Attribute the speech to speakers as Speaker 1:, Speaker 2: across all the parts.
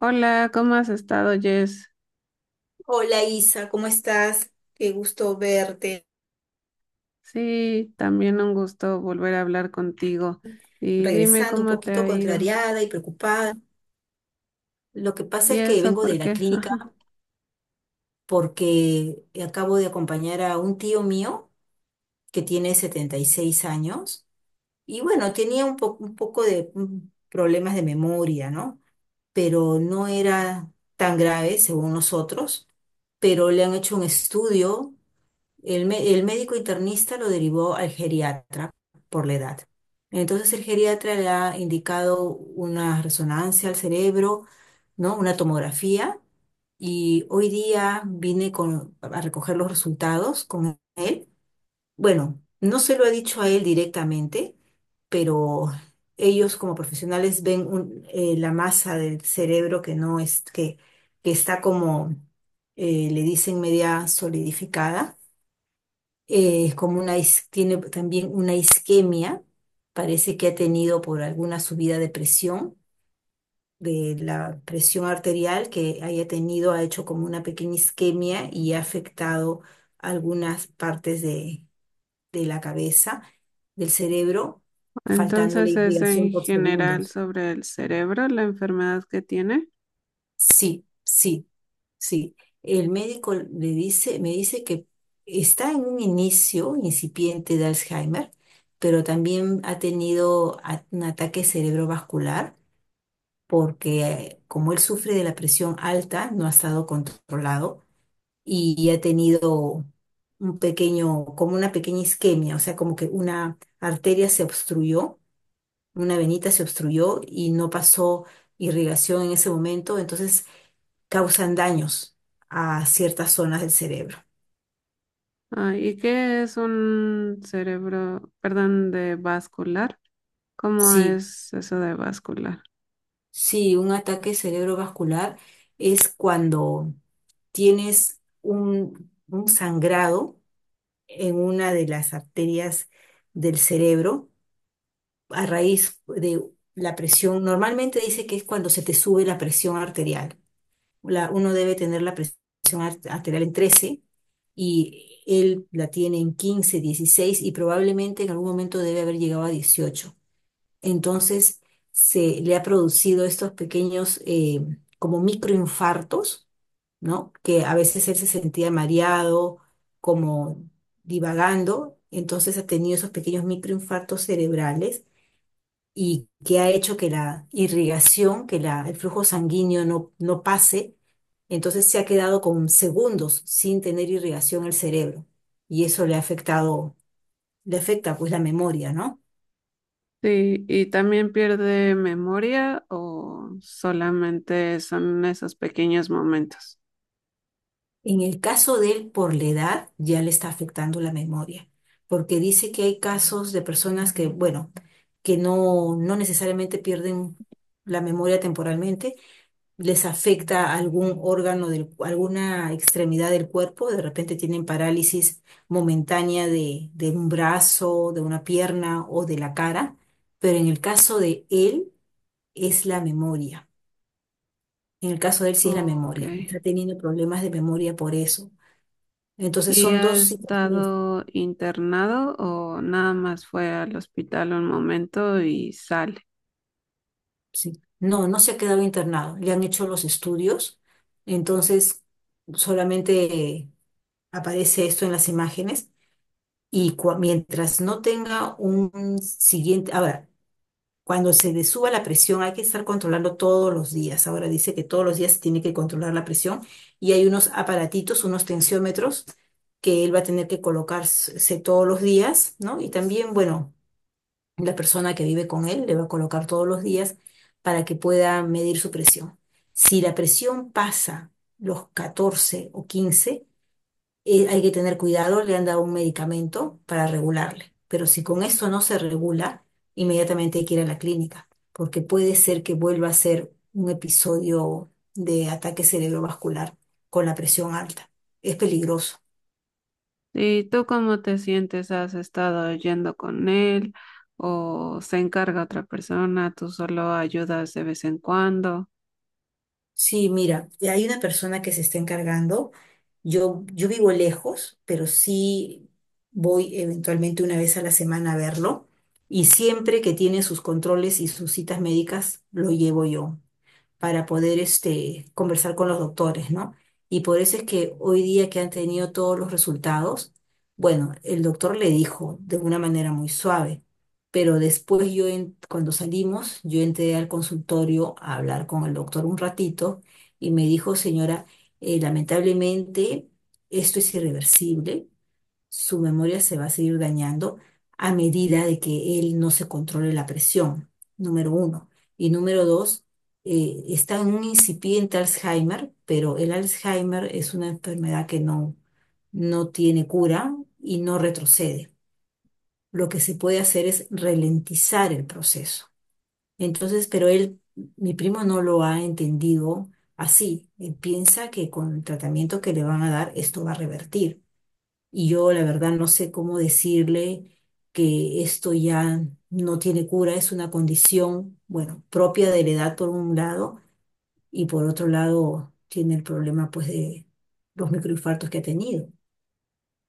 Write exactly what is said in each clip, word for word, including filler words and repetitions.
Speaker 1: Hola, ¿cómo has estado, Jess?
Speaker 2: Hola Isa, ¿cómo estás? Qué gusto verte.
Speaker 1: Sí, también un gusto volver a hablar contigo. Y dime
Speaker 2: Regresando un
Speaker 1: cómo te
Speaker 2: poquito
Speaker 1: ha ido.
Speaker 2: contrariada y preocupada. Lo que pasa
Speaker 1: ¿Y
Speaker 2: es que
Speaker 1: eso
Speaker 2: vengo
Speaker 1: por
Speaker 2: de la
Speaker 1: qué?
Speaker 2: clínica
Speaker 1: Ajá.
Speaker 2: porque acabo de acompañar a un tío mío que tiene setenta y seis años y bueno, tenía un po- un poco de mm, problemas de memoria, ¿no? Pero no era tan grave según nosotros, pero le han hecho un estudio. El, mé- el médico internista lo derivó al geriatra por la edad. Entonces el geriatra le ha indicado una resonancia al cerebro, ¿no? Una tomografía. Y hoy día vine con, a recoger los resultados con él. Bueno, no se lo he dicho a él directamente, pero ellos como profesionales ven un- eh, la masa del cerebro que no es, que, que está como, eh, le dicen, media solidificada, eh, es como una, is- tiene también una isquemia, parece que ha tenido por alguna subida de presión, de la presión arterial que haya tenido, ha hecho como una pequeña isquemia y ha afectado algunas partes de, de la cabeza, del cerebro, faltando la
Speaker 1: Entonces es
Speaker 2: irrigación
Speaker 1: en
Speaker 2: por
Speaker 1: general
Speaker 2: segundos.
Speaker 1: sobre el cerebro, la enfermedad que tiene.
Speaker 2: Sí, sí. Sí, el médico le dice, me dice que está en un inicio incipiente de Alzheimer, pero también ha tenido a- un ataque cerebrovascular porque eh, como él sufre de la presión alta, no ha estado controlado y, y ha tenido un pequeño, como una pequeña isquemia, o sea, como que una arteria se obstruyó, una venita se obstruyó y no pasó irrigación en ese momento, entonces causan daños a ciertas zonas del cerebro.
Speaker 1: Ah, ¿y qué es un cerebro, perdón, de vascular? ¿Cómo
Speaker 2: Sí,
Speaker 1: es eso de vascular?
Speaker 2: sí, un ataque cerebrovascular es cuando tienes un, un sangrado en una de las arterias del cerebro a raíz de la presión. Normalmente dice que es cuando se te sube la presión arterial. La- uno debe tener la presión ar- arterial en trece y él la tiene en quince, dieciséis y probablemente en algún momento debe haber llegado a dieciocho. Entonces se le ha producido estos pequeños eh, como microinfartos, ¿no? Que a veces él se sentía mareado, como divagando, entonces ha tenido esos pequeños microinfartos cerebrales y que ha hecho que la irrigación, que la, el flujo sanguíneo no, no pase, entonces se ha quedado con segundos sin tener irrigación el cerebro y eso le ha afectado, le afecta pues la memoria, ¿no?
Speaker 1: Sí, ¿y también pierde memoria o solamente son esos pequeños momentos?
Speaker 2: En el caso de él, por la edad, ya le está afectando la memoria, porque dice que hay casos de personas que, bueno, que no, no necesariamente pierden la memoria temporalmente, les afecta algún órgano, del, alguna extremidad del cuerpo, de repente tienen parálisis momentánea de, de un brazo, de una pierna o de la cara, pero en el caso de él es la memoria. En el caso de él sí es la
Speaker 1: Ok.
Speaker 2: memoria. Está teniendo problemas de memoria por eso. Entonces
Speaker 1: ¿Y
Speaker 2: son
Speaker 1: ha
Speaker 2: dos situaciones.
Speaker 1: estado internado o nada más fue al hospital un momento y sale?
Speaker 2: Sí. No, no se ha quedado internado. Le han hecho los estudios. Entonces solamente aparece esto en las imágenes. Y cua- mientras no tenga un siguiente. Ahora, cuando se le suba la presión hay que estar controlando todos los días. Ahora dice que todos los días se tiene que controlar la presión. Y hay unos aparatitos, unos tensiómetros que él va a tener que colocarse todos los días, ¿no? Y también, bueno, la persona que vive con él le va a colocar todos los días para que pueda medir su presión. Si la presión pasa los catorce o quince, eh, hay que tener cuidado, le han dado un medicamento para regularle. Pero si con eso no se regula, inmediatamente hay que ir a la clínica, porque puede ser que vuelva a ser un episodio de ataque cerebrovascular con la presión alta. Es peligroso.
Speaker 1: ¿Y tú cómo te sientes? ¿Has estado yendo con él o se encarga otra persona? ¿Tú solo ayudas de vez en cuando?
Speaker 2: Sí, mira, hay una persona que se está encargando. Yo, yo vivo lejos, pero sí voy eventualmente una vez a la semana a verlo. Y siempre que tiene sus controles y sus citas médicas, lo llevo yo para poder este, conversar con los doctores, ¿no? Y por eso es que hoy día que han tenido todos los resultados, bueno, el doctor le dijo de una manera muy suave, pero después yo, en- cuando salimos, yo entré al consultorio a hablar con el doctor un ratito y me dijo, señora, eh, lamentablemente esto es irreversible, su memoria se va a seguir dañando a medida de que él no se controle la presión, número uno. Y número dos, eh, está en un incipiente Alzheimer, pero el Alzheimer es una enfermedad que no, no tiene cura y no retrocede. Lo que se puede hacer es ralentizar el proceso. Entonces, pero él, mi primo no lo ha entendido así. Él piensa que con el tratamiento que le van a dar, esto va a revertir. Y yo la verdad no sé cómo decirle que esto ya no tiene cura, es una condición, bueno, propia de la edad por un lado y por otro lado tiene el problema pues de los microinfartos que ha tenido.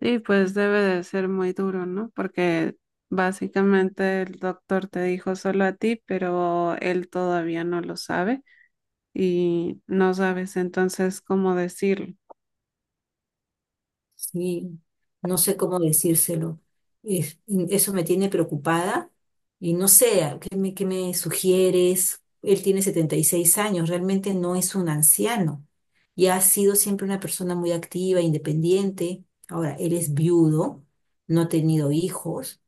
Speaker 1: Sí, pues debe de ser muy duro, ¿no? Porque básicamente el doctor te dijo solo a ti, pero él todavía no lo sabe y no sabes entonces cómo decirlo.
Speaker 2: Sí, no sé cómo decírselo. Es- mm, eso me tiene preocupada y no sé, ¿a ¿qué me, qué me sugieres? Él tiene setenta y seis años, realmente no es un anciano y ha sido siempre una persona muy activa, independiente. Ahora, él es viudo, no ha tenido hijos,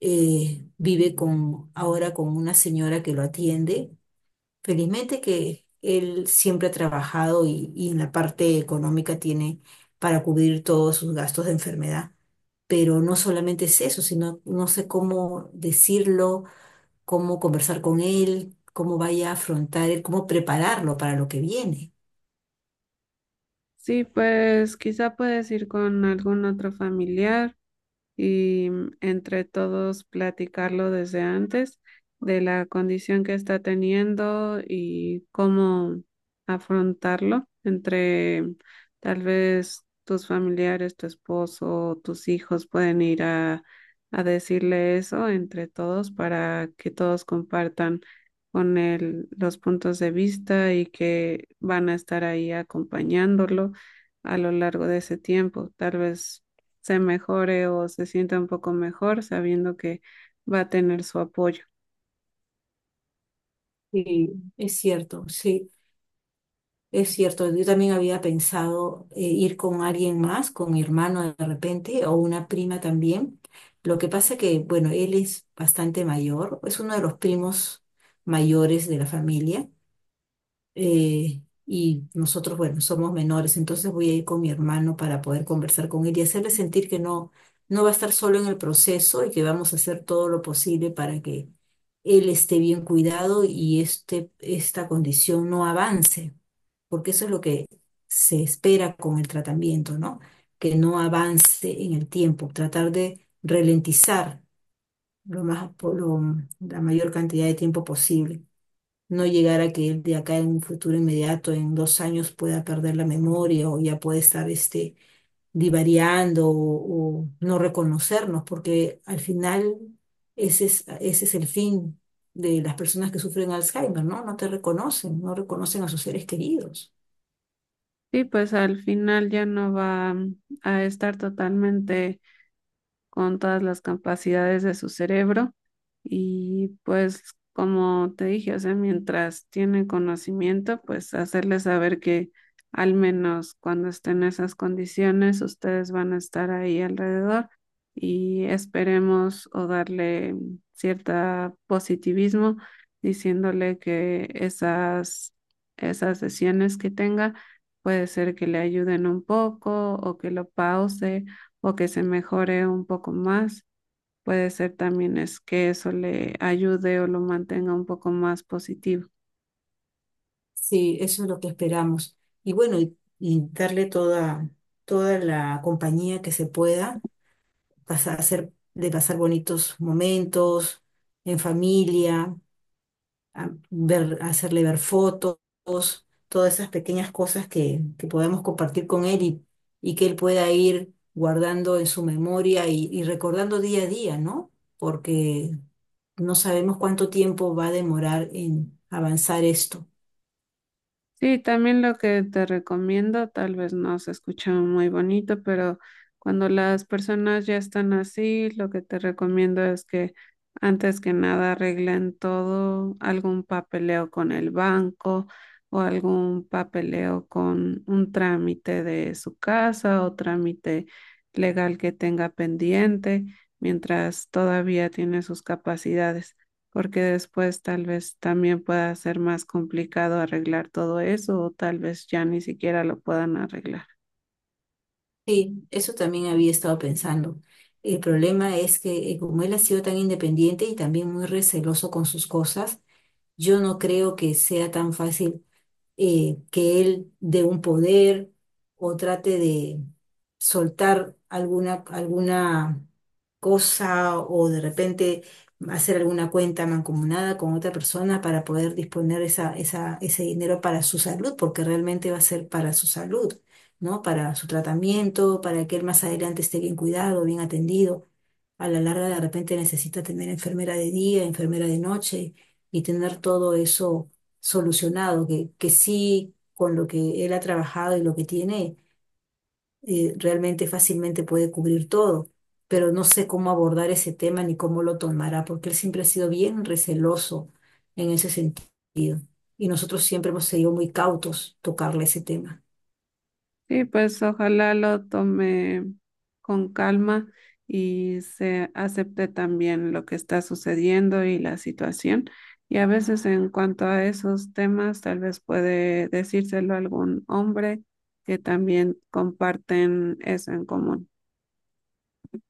Speaker 2: eh, vive con, ahora con una señora que lo atiende. Felizmente que él siempre ha trabajado y, y en la parte económica tiene para cubrir todos sus gastos de enfermedad. Pero no solamente es eso, sino no sé cómo decirlo, cómo conversar con él, cómo vaya a afrontar él, cómo prepararlo para lo que viene.
Speaker 1: Sí, pues quizá puedes ir con algún otro familiar y mm, entre todos platicarlo desde antes de la condición que está teniendo y cómo afrontarlo entre mm, tal vez tus familiares, tu esposo, tus hijos pueden ir a, a decirle eso entre todos para que todos compartan con él los puntos de vista y que van a estar ahí acompañándolo a lo largo de ese tiempo. Tal vez se mejore o se sienta un poco mejor sabiendo que va a tener su apoyo.
Speaker 2: Sí, es cierto, sí. Es cierto, yo también había pensado eh, ir con alguien más, con mi hermano de repente, o una prima también. Lo que pasa que, bueno, él es bastante mayor, es uno de los primos mayores de la familia, eh, y nosotros, bueno, somos menores, entonces voy a ir con mi hermano para poder conversar con él y hacerle sentir que no, no va a estar solo en el proceso y que vamos a hacer todo lo posible para que él esté bien cuidado y este, esta condición no avance, porque eso es lo que se espera con el tratamiento, ¿no? Que no avance en el tiempo, tratar de ralentizar lo más, por lo- la mayor cantidad de tiempo posible, no llegar a que él de acá en un futuro inmediato, en dos años, pueda perder la memoria o ya puede estar este, divariando o, o no reconocernos, porque al final ese es, ese es el fin de las personas que sufren Alzheimer, ¿no? No te reconocen, no reconocen a sus seres queridos.
Speaker 1: Y pues al final ya no va mm, a estar totalmente con todas las capacidades de su cerebro y pues como te dije, o sea, mientras tiene conocimiento, pues hacerle saber que al menos cuando estén en esas condiciones, ustedes van a estar ahí alrededor y esperemos o darle cierto positivismo diciéndole que esas, esas sesiones que tenga puede ser que le ayuden un poco o que lo pause o que se mejore un poco más. Puede ser también es que eso le ayude o lo mantenga un poco más positivo.
Speaker 2: Sí, eso es lo que esperamos. Y bueno, y, y darle toda, toda la compañía que se pueda, pasar, hacer, de pasar bonitos momentos en familia, a ver, hacerle ver fotos, todas esas pequeñas cosas que, que podemos compartir con él y, y que él pueda ir guardando en su memoria y, y recordando día a día, ¿no? Porque no sabemos cuánto tiempo va a demorar en avanzar esto.
Speaker 1: Sí, también lo que te recomiendo, tal vez no se escucha muy bonito, pero cuando las personas ya están así, lo que te recomiendo es que antes que nada arreglen todo, algún papeleo con el banco o algún papeleo con un trámite de su casa o trámite legal que tenga pendiente mientras todavía tiene sus capacidades porque después tal vez también pueda ser más complicado arreglar todo eso o tal vez ya ni siquiera lo puedan arreglar.
Speaker 2: Sí, eso también había estado pensando. El problema es que eh, como él ha sido tan independiente y también muy receloso con sus cosas, yo no creo que sea tan fácil, eh, que él dé un poder o trate de soltar alguna, alguna cosa o de repente hacer alguna cuenta mancomunada con otra persona para poder disponer esa, esa, ese dinero para su salud, porque realmente va a ser para su salud, ¿no? Para su tratamiento, para que él más adelante esté bien cuidado, bien atendido. A la larga de repente necesita tener enfermera de día, enfermera de noche y tener todo eso solucionado, que, que sí, con lo que él ha trabajado y lo que tiene, eh, realmente fácilmente puede cubrir todo. Pero no sé cómo abordar ese tema ni cómo lo tomará, porque él siempre ha sido bien receloso en ese sentido. Y nosotros siempre hemos sido muy cautos tocarle ese tema.
Speaker 1: Y pues ojalá lo tome con calma y se acepte también lo que está sucediendo y la situación. Y a veces en cuanto a esos temas, tal vez puede decírselo a algún hombre que también comparten eso en común.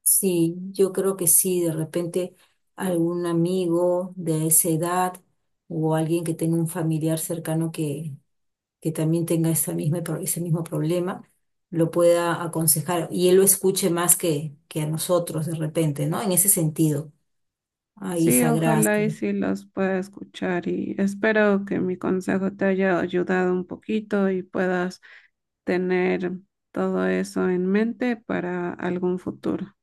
Speaker 2: Sí, yo creo que sí, de repente algún amigo de esa edad o alguien que tenga un familiar cercano que, que también tenga esa misma, pro- ese mismo problema, lo pueda aconsejar y él lo escuche más que, que a nosotros de repente, ¿no? En ese sentido. Ay,
Speaker 1: Sí,
Speaker 2: Isa,
Speaker 1: ojalá
Speaker 2: gracias.
Speaker 1: y sí los pueda escuchar y espero que mi consejo te haya ayudado un poquito y puedas tener todo eso en mente para algún futuro.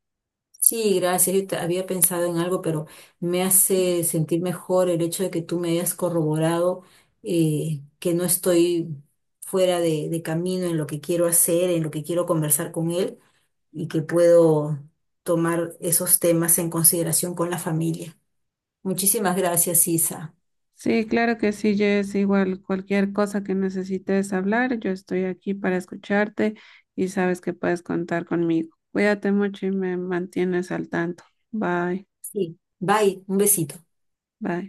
Speaker 2: Sí, gracias. Yo te- había pensado en algo, pero me hace sentir mejor el hecho de que tú me hayas corroborado, eh, que no estoy fuera de, de camino en lo que quiero hacer, en lo que quiero conversar con él y que puedo tomar esos temas en consideración con la familia. Muchísimas gracias, Isa.
Speaker 1: Sí, claro que sí, Jess, igual cualquier cosa que necesites hablar, yo estoy aquí para escucharte y sabes que puedes contar conmigo. Cuídate mucho y me mantienes al tanto. Bye,
Speaker 2: Sí. Bye, un besito.
Speaker 1: bye.